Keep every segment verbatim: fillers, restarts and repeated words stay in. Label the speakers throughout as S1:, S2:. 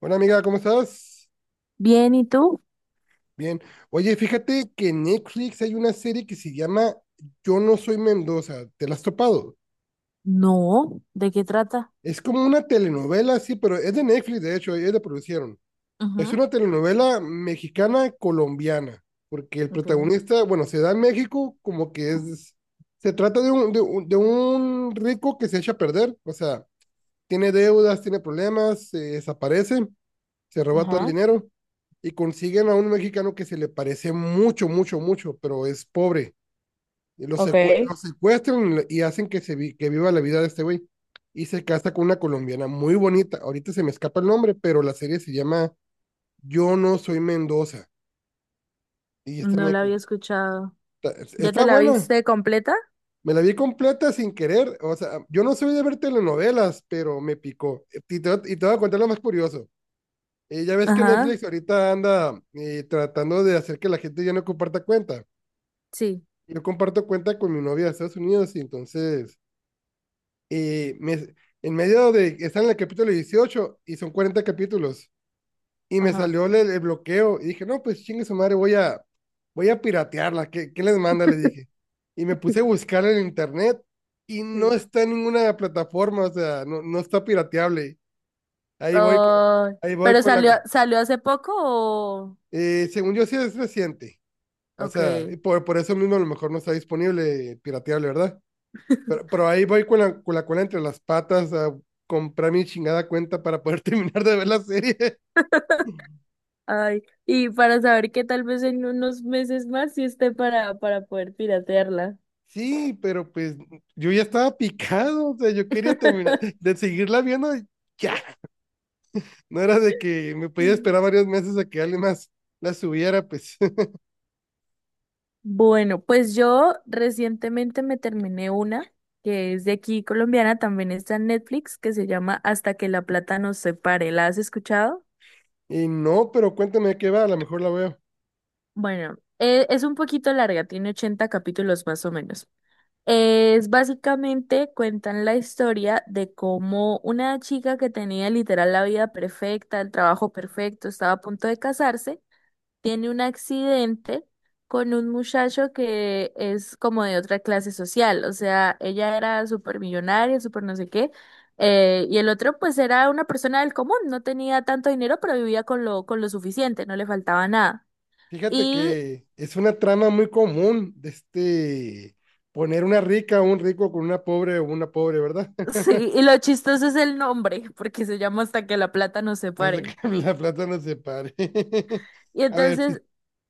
S1: Hola amiga, ¿cómo estás?
S2: Bien, ¿y tú?
S1: Bien. Oye, fíjate que en Netflix hay una serie que se llama Yo no soy Mendoza, ¿te la has topado?
S2: No, ¿de qué trata?
S1: Es como una telenovela, sí, pero es de Netflix, de hecho, ellos la producieron. Es
S2: Ujú,
S1: una telenovela mexicana colombiana, porque el
S2: ok.
S1: protagonista, bueno, se da en México como que es, se trata de un, de un, de un rico que se echa a perder, o sea, tiene deudas, tiene problemas, se desaparece, se roba todo el
S2: Ajá,
S1: dinero y consiguen a un mexicano que se le parece mucho, mucho, mucho, pero es pobre. Y lo,
S2: ok.
S1: secue- lo secuestran y lo- y hacen que, se vi- que viva la vida de este güey. Y se casa con una colombiana muy bonita. Ahorita se me escapa el nombre, pero la serie se llama Yo no soy Mendoza. Y está en
S2: No la
S1: Netflix.
S2: había escuchado.
S1: Está,
S2: ¿Ya
S1: está
S2: te la
S1: buena.
S2: viste completa?
S1: Me la vi completa sin querer. O sea, yo no soy de ver telenovelas, pero me picó. Y te, voy a- y te voy a contar lo más curioso. Eh, ya ves que
S2: Ajá,
S1: Netflix ahorita anda eh, tratando de hacer que la gente ya no comparta cuenta.
S2: sí.
S1: Yo comparto cuenta con mi novia de Estados Unidos y entonces eh, me- en medio de, está en el capítulo dieciocho y son cuarenta capítulos y me
S2: Ajá.
S1: salió el, el bloqueo y dije, no, pues chingue su madre, voy a, voy a piratearla. ¿Qué, qué les manda? Le dije. Y me puse a buscar en internet y no
S2: Sí.
S1: está en ninguna plataforma, o sea, no, no está pirateable. Ahí voy, co-
S2: Oh,
S1: ahí voy
S2: ¿pero
S1: con la...
S2: salió, salió hace poco o...?
S1: eh, según yo sí es reciente. O
S2: Ok.
S1: sea, y por, por eso mismo a lo mejor no está disponible, pirateable, ¿verdad? Pero, pero ahí voy con la, con la cola entre las patas a comprar mi chingada cuenta para poder terminar de ver la serie.
S2: Ay, y para saber que tal vez en unos meses más sí esté para, para poder piratearla.
S1: Sí, pero pues yo ya estaba picado, o sea, yo quería terminar de seguirla viendo y ya. No era de que me podía esperar varios meses a que alguien más la subiera, pues.
S2: Bueno, pues yo recientemente me terminé una que es de aquí colombiana, también está en Netflix, que se llama Hasta que la plata nos separe. ¿La has escuchado?
S1: Y no, pero cuéntame de qué va, a lo mejor la veo.
S2: Bueno, e- es un poquito larga, tiene ochenta capítulos más o menos. Es básicamente cuentan la historia de cómo una chica que tenía literal la vida perfecta, el trabajo perfecto, estaba a punto de casarse, tiene un accidente con un muchacho que es como de otra clase social, o sea, ella era súper millonaria, súper no sé qué, eh, y el otro pues era una persona del común, no tenía tanto dinero, pero vivía con lo, con lo suficiente, no le faltaba nada.
S1: Fíjate
S2: Y
S1: que es una trama muy común de este poner una rica o un rico con una pobre o una pobre, ¿verdad?
S2: sí, y lo chistoso es el nombre, porque se llama Hasta que la plata nos
S1: Hasta
S2: separe.
S1: que la plata nos separe.
S2: Y
S1: A ver, sí,
S2: entonces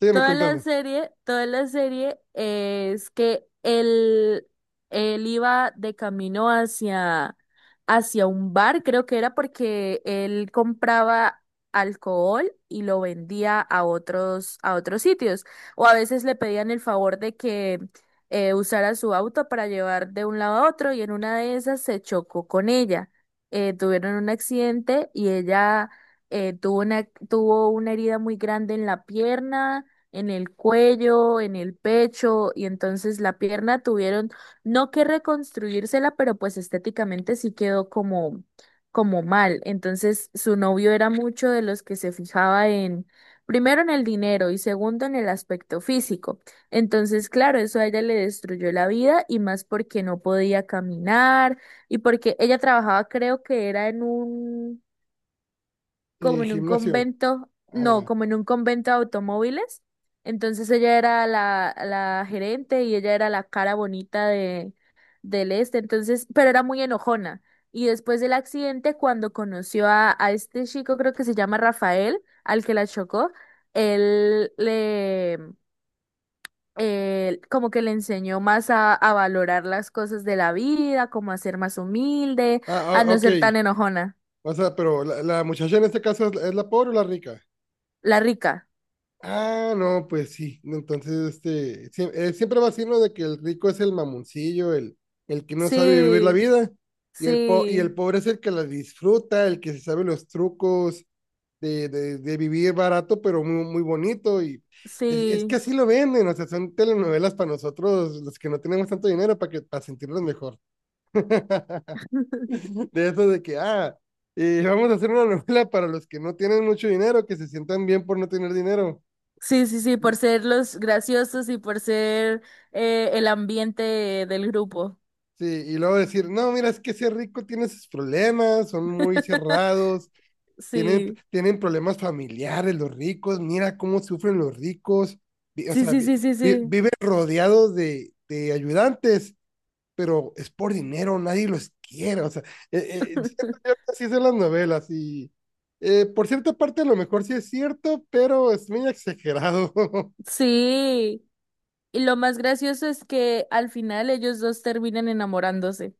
S1: sígueme
S2: toda la
S1: contando.
S2: serie, toda la serie es que él, él iba de camino hacia, hacia un bar, creo que era porque él compraba alcohol y lo vendía a otros, a otros sitios. O a veces le pedían el favor de que eh, usara su auto para llevar de un lado a otro y en una de esas se chocó con ella. Eh, tuvieron un accidente y ella, eh, tuvo una, tuvo una herida muy grande en la pierna, en el cuello, en el pecho, y entonces la pierna tuvieron, no que reconstruírsela, pero pues estéticamente sí quedó como, como mal. Entonces su novio era mucho de los que se fijaba en, primero en el dinero y segundo en el aspecto físico. Entonces, claro, eso a ella le destruyó la vida y más porque no podía caminar y porque ella trabajaba, creo que era en un, como
S1: Eh,
S2: en un
S1: gimnasio.
S2: convento, no,
S1: Ah,
S2: como en un convento de automóviles. Entonces ella era la, la gerente y ella era la cara bonita de, del este, entonces, pero era muy enojona. Y después del accidente, cuando conoció a, a este chico, creo que se llama Rafael, al que la chocó, él le, eh, como que le enseñó más a, a valorar las cosas de la vida, como a ser más humilde,
S1: ah,
S2: a
S1: ah,
S2: no
S1: ok.
S2: ser tan enojona,
S1: O sea, pero la, la muchacha en este caso es, es la pobre o la rica.
S2: la rica.
S1: Ah, no, pues sí. No, entonces, este, siem- eh, siempre va a ser uno de que el rico es el mamoncillo, el, el que no sabe vivir la
S2: Sí.
S1: vida, y el, po- y el
S2: Sí,
S1: pobre es el que la disfruta, el que se sabe los trucos de, de, de vivir barato, pero muy, muy bonito. Y es, es
S2: sí.
S1: que así lo venden, o sea, son telenovelas para nosotros, los que no tenemos tanto dinero, para que, para sentirnos mejor. De eso de que, ah, eh, vamos a hacer una novela para los que no tienen mucho dinero, que se sientan bien por no tener dinero.
S2: Sí, sí, sí, por ser los graciosos y por ser eh, el ambiente del grupo.
S1: Sí, y luego decir, no, mira, es que ese rico tiene sus problemas, son muy cerrados, tienen,
S2: Sí,
S1: tienen problemas familiares los ricos, mira cómo sufren los ricos, vi- o
S2: sí,
S1: sea,
S2: sí,
S1: vi-
S2: sí, sí,
S1: vi-
S2: sí.
S1: viven rodeados de, de ayudantes, pero es por dinero, nadie los quiere, o sea, eh, eh, siento yo que así son las novelas y eh, por cierta parte a lo mejor sí es cierto, pero es muy exagerado.
S2: Sí. Y lo más gracioso es que al final ellos dos terminan enamorándose.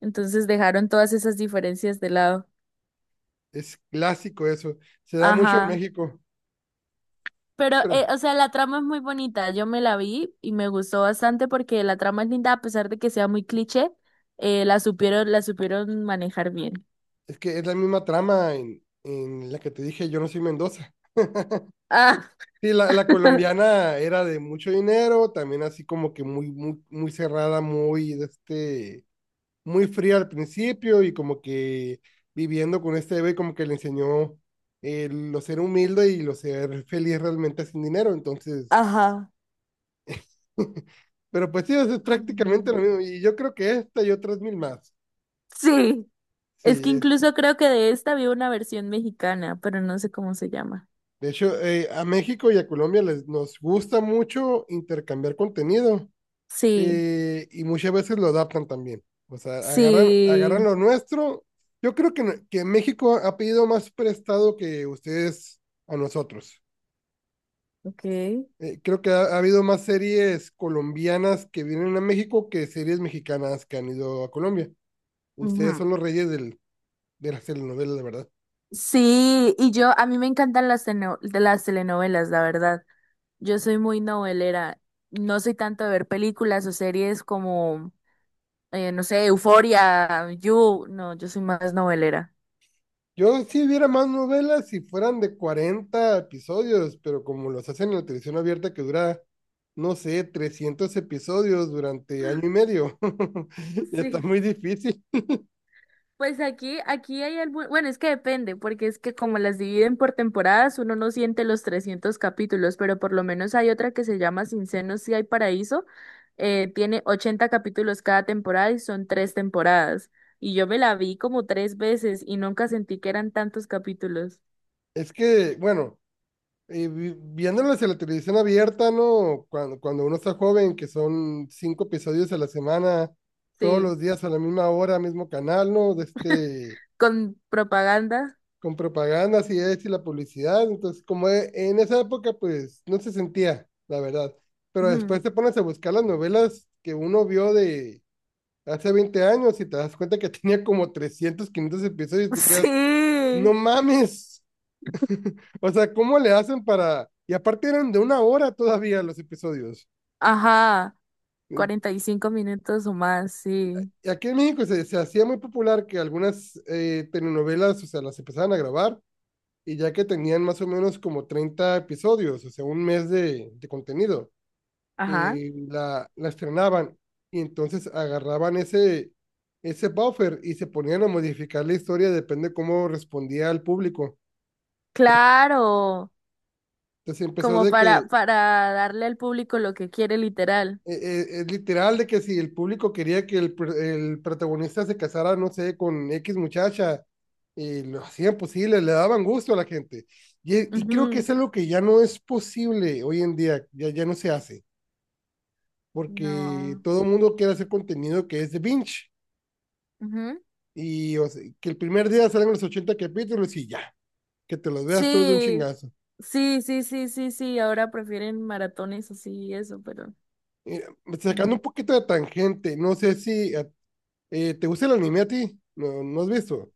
S2: Entonces dejaron todas esas diferencias de lado.
S1: Es clásico eso, se da mucho en
S2: Ajá.
S1: México,
S2: Pero,
S1: pero...
S2: eh, o sea, la trama es muy bonita. Yo me la vi y me gustó bastante porque la trama es linda, a pesar de que sea muy cliché, eh, la supieron, la supieron manejar bien.
S1: Es que es la misma trama en, en la que te dije, yo no soy Mendoza.
S2: Ah,
S1: Sí, la, la colombiana era de mucho dinero, también así como que muy, muy, muy cerrada, muy, de este, muy fría al principio y como que viviendo con este bebé como que le enseñó eh, lo ser humilde y lo ser feliz realmente sin dinero, entonces,
S2: Ajá.
S1: pero pues sí, eso es prácticamente lo
S2: Mm,
S1: mismo y yo creo que esta y otras mil más.
S2: sí.
S1: Sí,
S2: Es que
S1: es,
S2: incluso creo que de esta había una versión mexicana, pero no sé cómo se llama.
S1: de hecho, eh, a México y a Colombia les, nos gusta mucho intercambiar contenido
S2: Sí,
S1: eh, y muchas veces lo adaptan también. O sea, agarran, agarran
S2: sí.
S1: lo nuestro. Yo creo que, n- que México ha pedido más prestado que ustedes a nosotros.
S2: Ok.
S1: Eh, creo que ha, ha habido más series colombianas que vienen a México que series mexicanas que han ido a Colombia. Ustedes
S2: Ujú.
S1: son los reyes del, de las telenovelas, de verdad.
S2: Sí, y yo, a mí me encantan las, teno- de las telenovelas, la verdad. Yo soy muy novelera. No soy tanto de ver películas o series como, eh, no sé, Euforia, You. No, yo soy más novelera.
S1: Yo sí viera más novelas si fueran de cuarenta episodios, pero como los hacen en la televisión abierta que dura, no sé, trescientos episodios durante año y medio, está
S2: Sí.
S1: muy difícil.
S2: Pues aquí, aquí hay algún, bueno, es que depende, porque es que como las dividen por temporadas, uno no siente los trescientos capítulos, pero por lo menos hay otra que se llama Sin Senos si hay Paraíso, eh, tiene ochenta capítulos cada temporada y son tres temporadas, y yo me la vi como tres veces y nunca sentí que eran tantos capítulos,
S1: Es que, bueno, eh, vi- viéndolas en la televisión abierta, ¿no? Cuando, cuando uno está joven, que son cinco episodios a la semana, todos
S2: sí,
S1: los días a la misma hora, mismo canal, ¿no? De este,
S2: con propaganda,
S1: con propagandas y esto y la publicidad. Entonces, como e- en esa época, pues no se sentía, la verdad. Pero
S2: ujú,
S1: después te pones a buscar las novelas que uno vio de hace veinte años y te das cuenta que tenía como trescientos quinientos episodios y te quedas, no
S2: Sí,
S1: mames. O sea, ¿cómo le hacen para...? Y aparte eran de una hora todavía los episodios.
S2: ajá,
S1: Y
S2: cuarenta y cinco minutos o más, sí,
S1: aquí en México se, se hacía muy popular que algunas eh, telenovelas, o sea, las empezaban a grabar y ya que tenían más o menos como treinta episodios, o sea, un mes de, de contenido,
S2: ajá,
S1: eh, la, la estrenaban y entonces agarraban ese, ese buffer y se ponían a modificar la historia, depende cómo respondía al público.
S2: claro.
S1: Entonces empezó
S2: Como
S1: de que, eh,
S2: para, para darle al público lo que quiere, literal.
S1: eh, es literal, de que si el público quería que el, pr- el protagonista se casara, no sé, con X muchacha, y lo hacían posible, le daban gusto a la gente. Y, y creo que
S2: Ujú.
S1: es algo que ya no es posible hoy en día, ya, ya no se hace, porque
S2: No.
S1: todo el mundo quiere hacer contenido que es de binge
S2: Ujú.
S1: y o sea, que el primer día salgan los ochenta capítulos y ya, que te los veas todos de un
S2: Sí,
S1: chingazo.
S2: sí, sí, sí, sí, sí. Ahora prefieren maratones así y eso, pero
S1: Eh,
S2: mm,
S1: Sacando un poquito de tangente, no sé si eh, eh, te gusta el anime a ti, no, no has visto.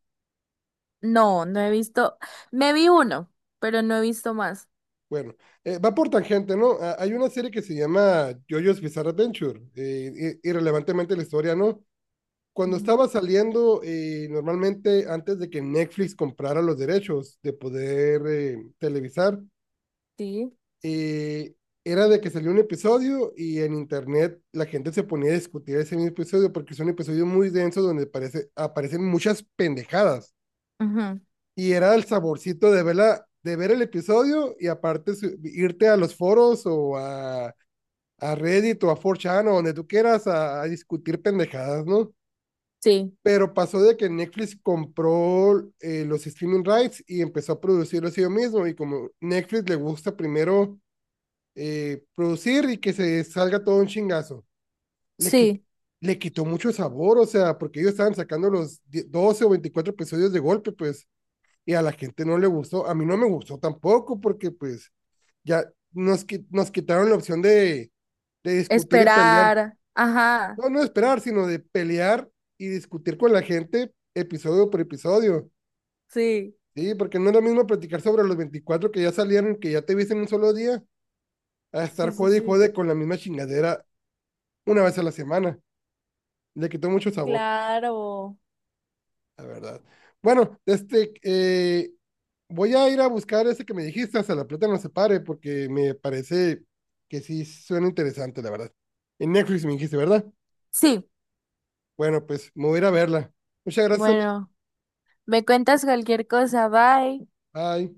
S2: no, no he visto. Me vi uno, pero no he visto más.
S1: Bueno, eh, va por tangente, ¿no? A- hay una serie que se llama JoJo's Bizarre Adventure, eh, i- irrelevantemente la historia, ¿no? Cuando
S2: Ujú.
S1: estaba saliendo, eh, normalmente antes de que Netflix comprara los derechos de poder eh, televisar,
S2: Sí,
S1: eh, era de que salió un episodio y en internet la gente se ponía a discutir ese mismo episodio porque es un episodio muy denso donde parece, aparecen muchas pendejadas.
S2: ujú,
S1: Y era el saborcito de, verla, de ver el episodio y aparte su, irte a los foros o a, a Reddit o a cuatro chan o donde tú quieras a, a discutir pendejadas, ¿no?
S2: sí,
S1: Pero pasó de que Netflix compró eh, los streaming rights y empezó a producirlos ellos mismos. Y como Netflix le gusta primero eh, producir y que se salga todo un chingazo. Le, quit-
S2: sí.
S1: le quitó mucho sabor, o sea, porque ellos estaban sacando los doce o veinticuatro episodios de golpe, pues, y a la gente no le gustó. A mí no me gustó tampoco, porque pues ya nos, qui- nos quitaron la opción de, de discutir y pelear.
S2: Esperar. Ajá.
S1: No, no de esperar, sino de pelear y discutir con la gente episodio por episodio.
S2: Sí,
S1: Sí, porque no es lo mismo platicar sobre los veinticuatro que ya salieron, que ya te viste en un solo día, a
S2: sí,
S1: estar
S2: sí,
S1: jode y
S2: sí.
S1: jode con la misma chingadera una vez a la semana. Le quitó mucho sabor,
S2: Claro.
S1: la verdad. Bueno, este, eh, voy a ir a buscar ese que me dijiste, hasta la plata no se pare, porque me parece que sí suena interesante, la verdad. En Netflix me dijiste, ¿verdad?
S2: Sí.
S1: Bueno, pues me voy a ir a verla. Muchas gracias, amiga.
S2: Bueno, me cuentas cualquier cosa. Bye.
S1: Bye.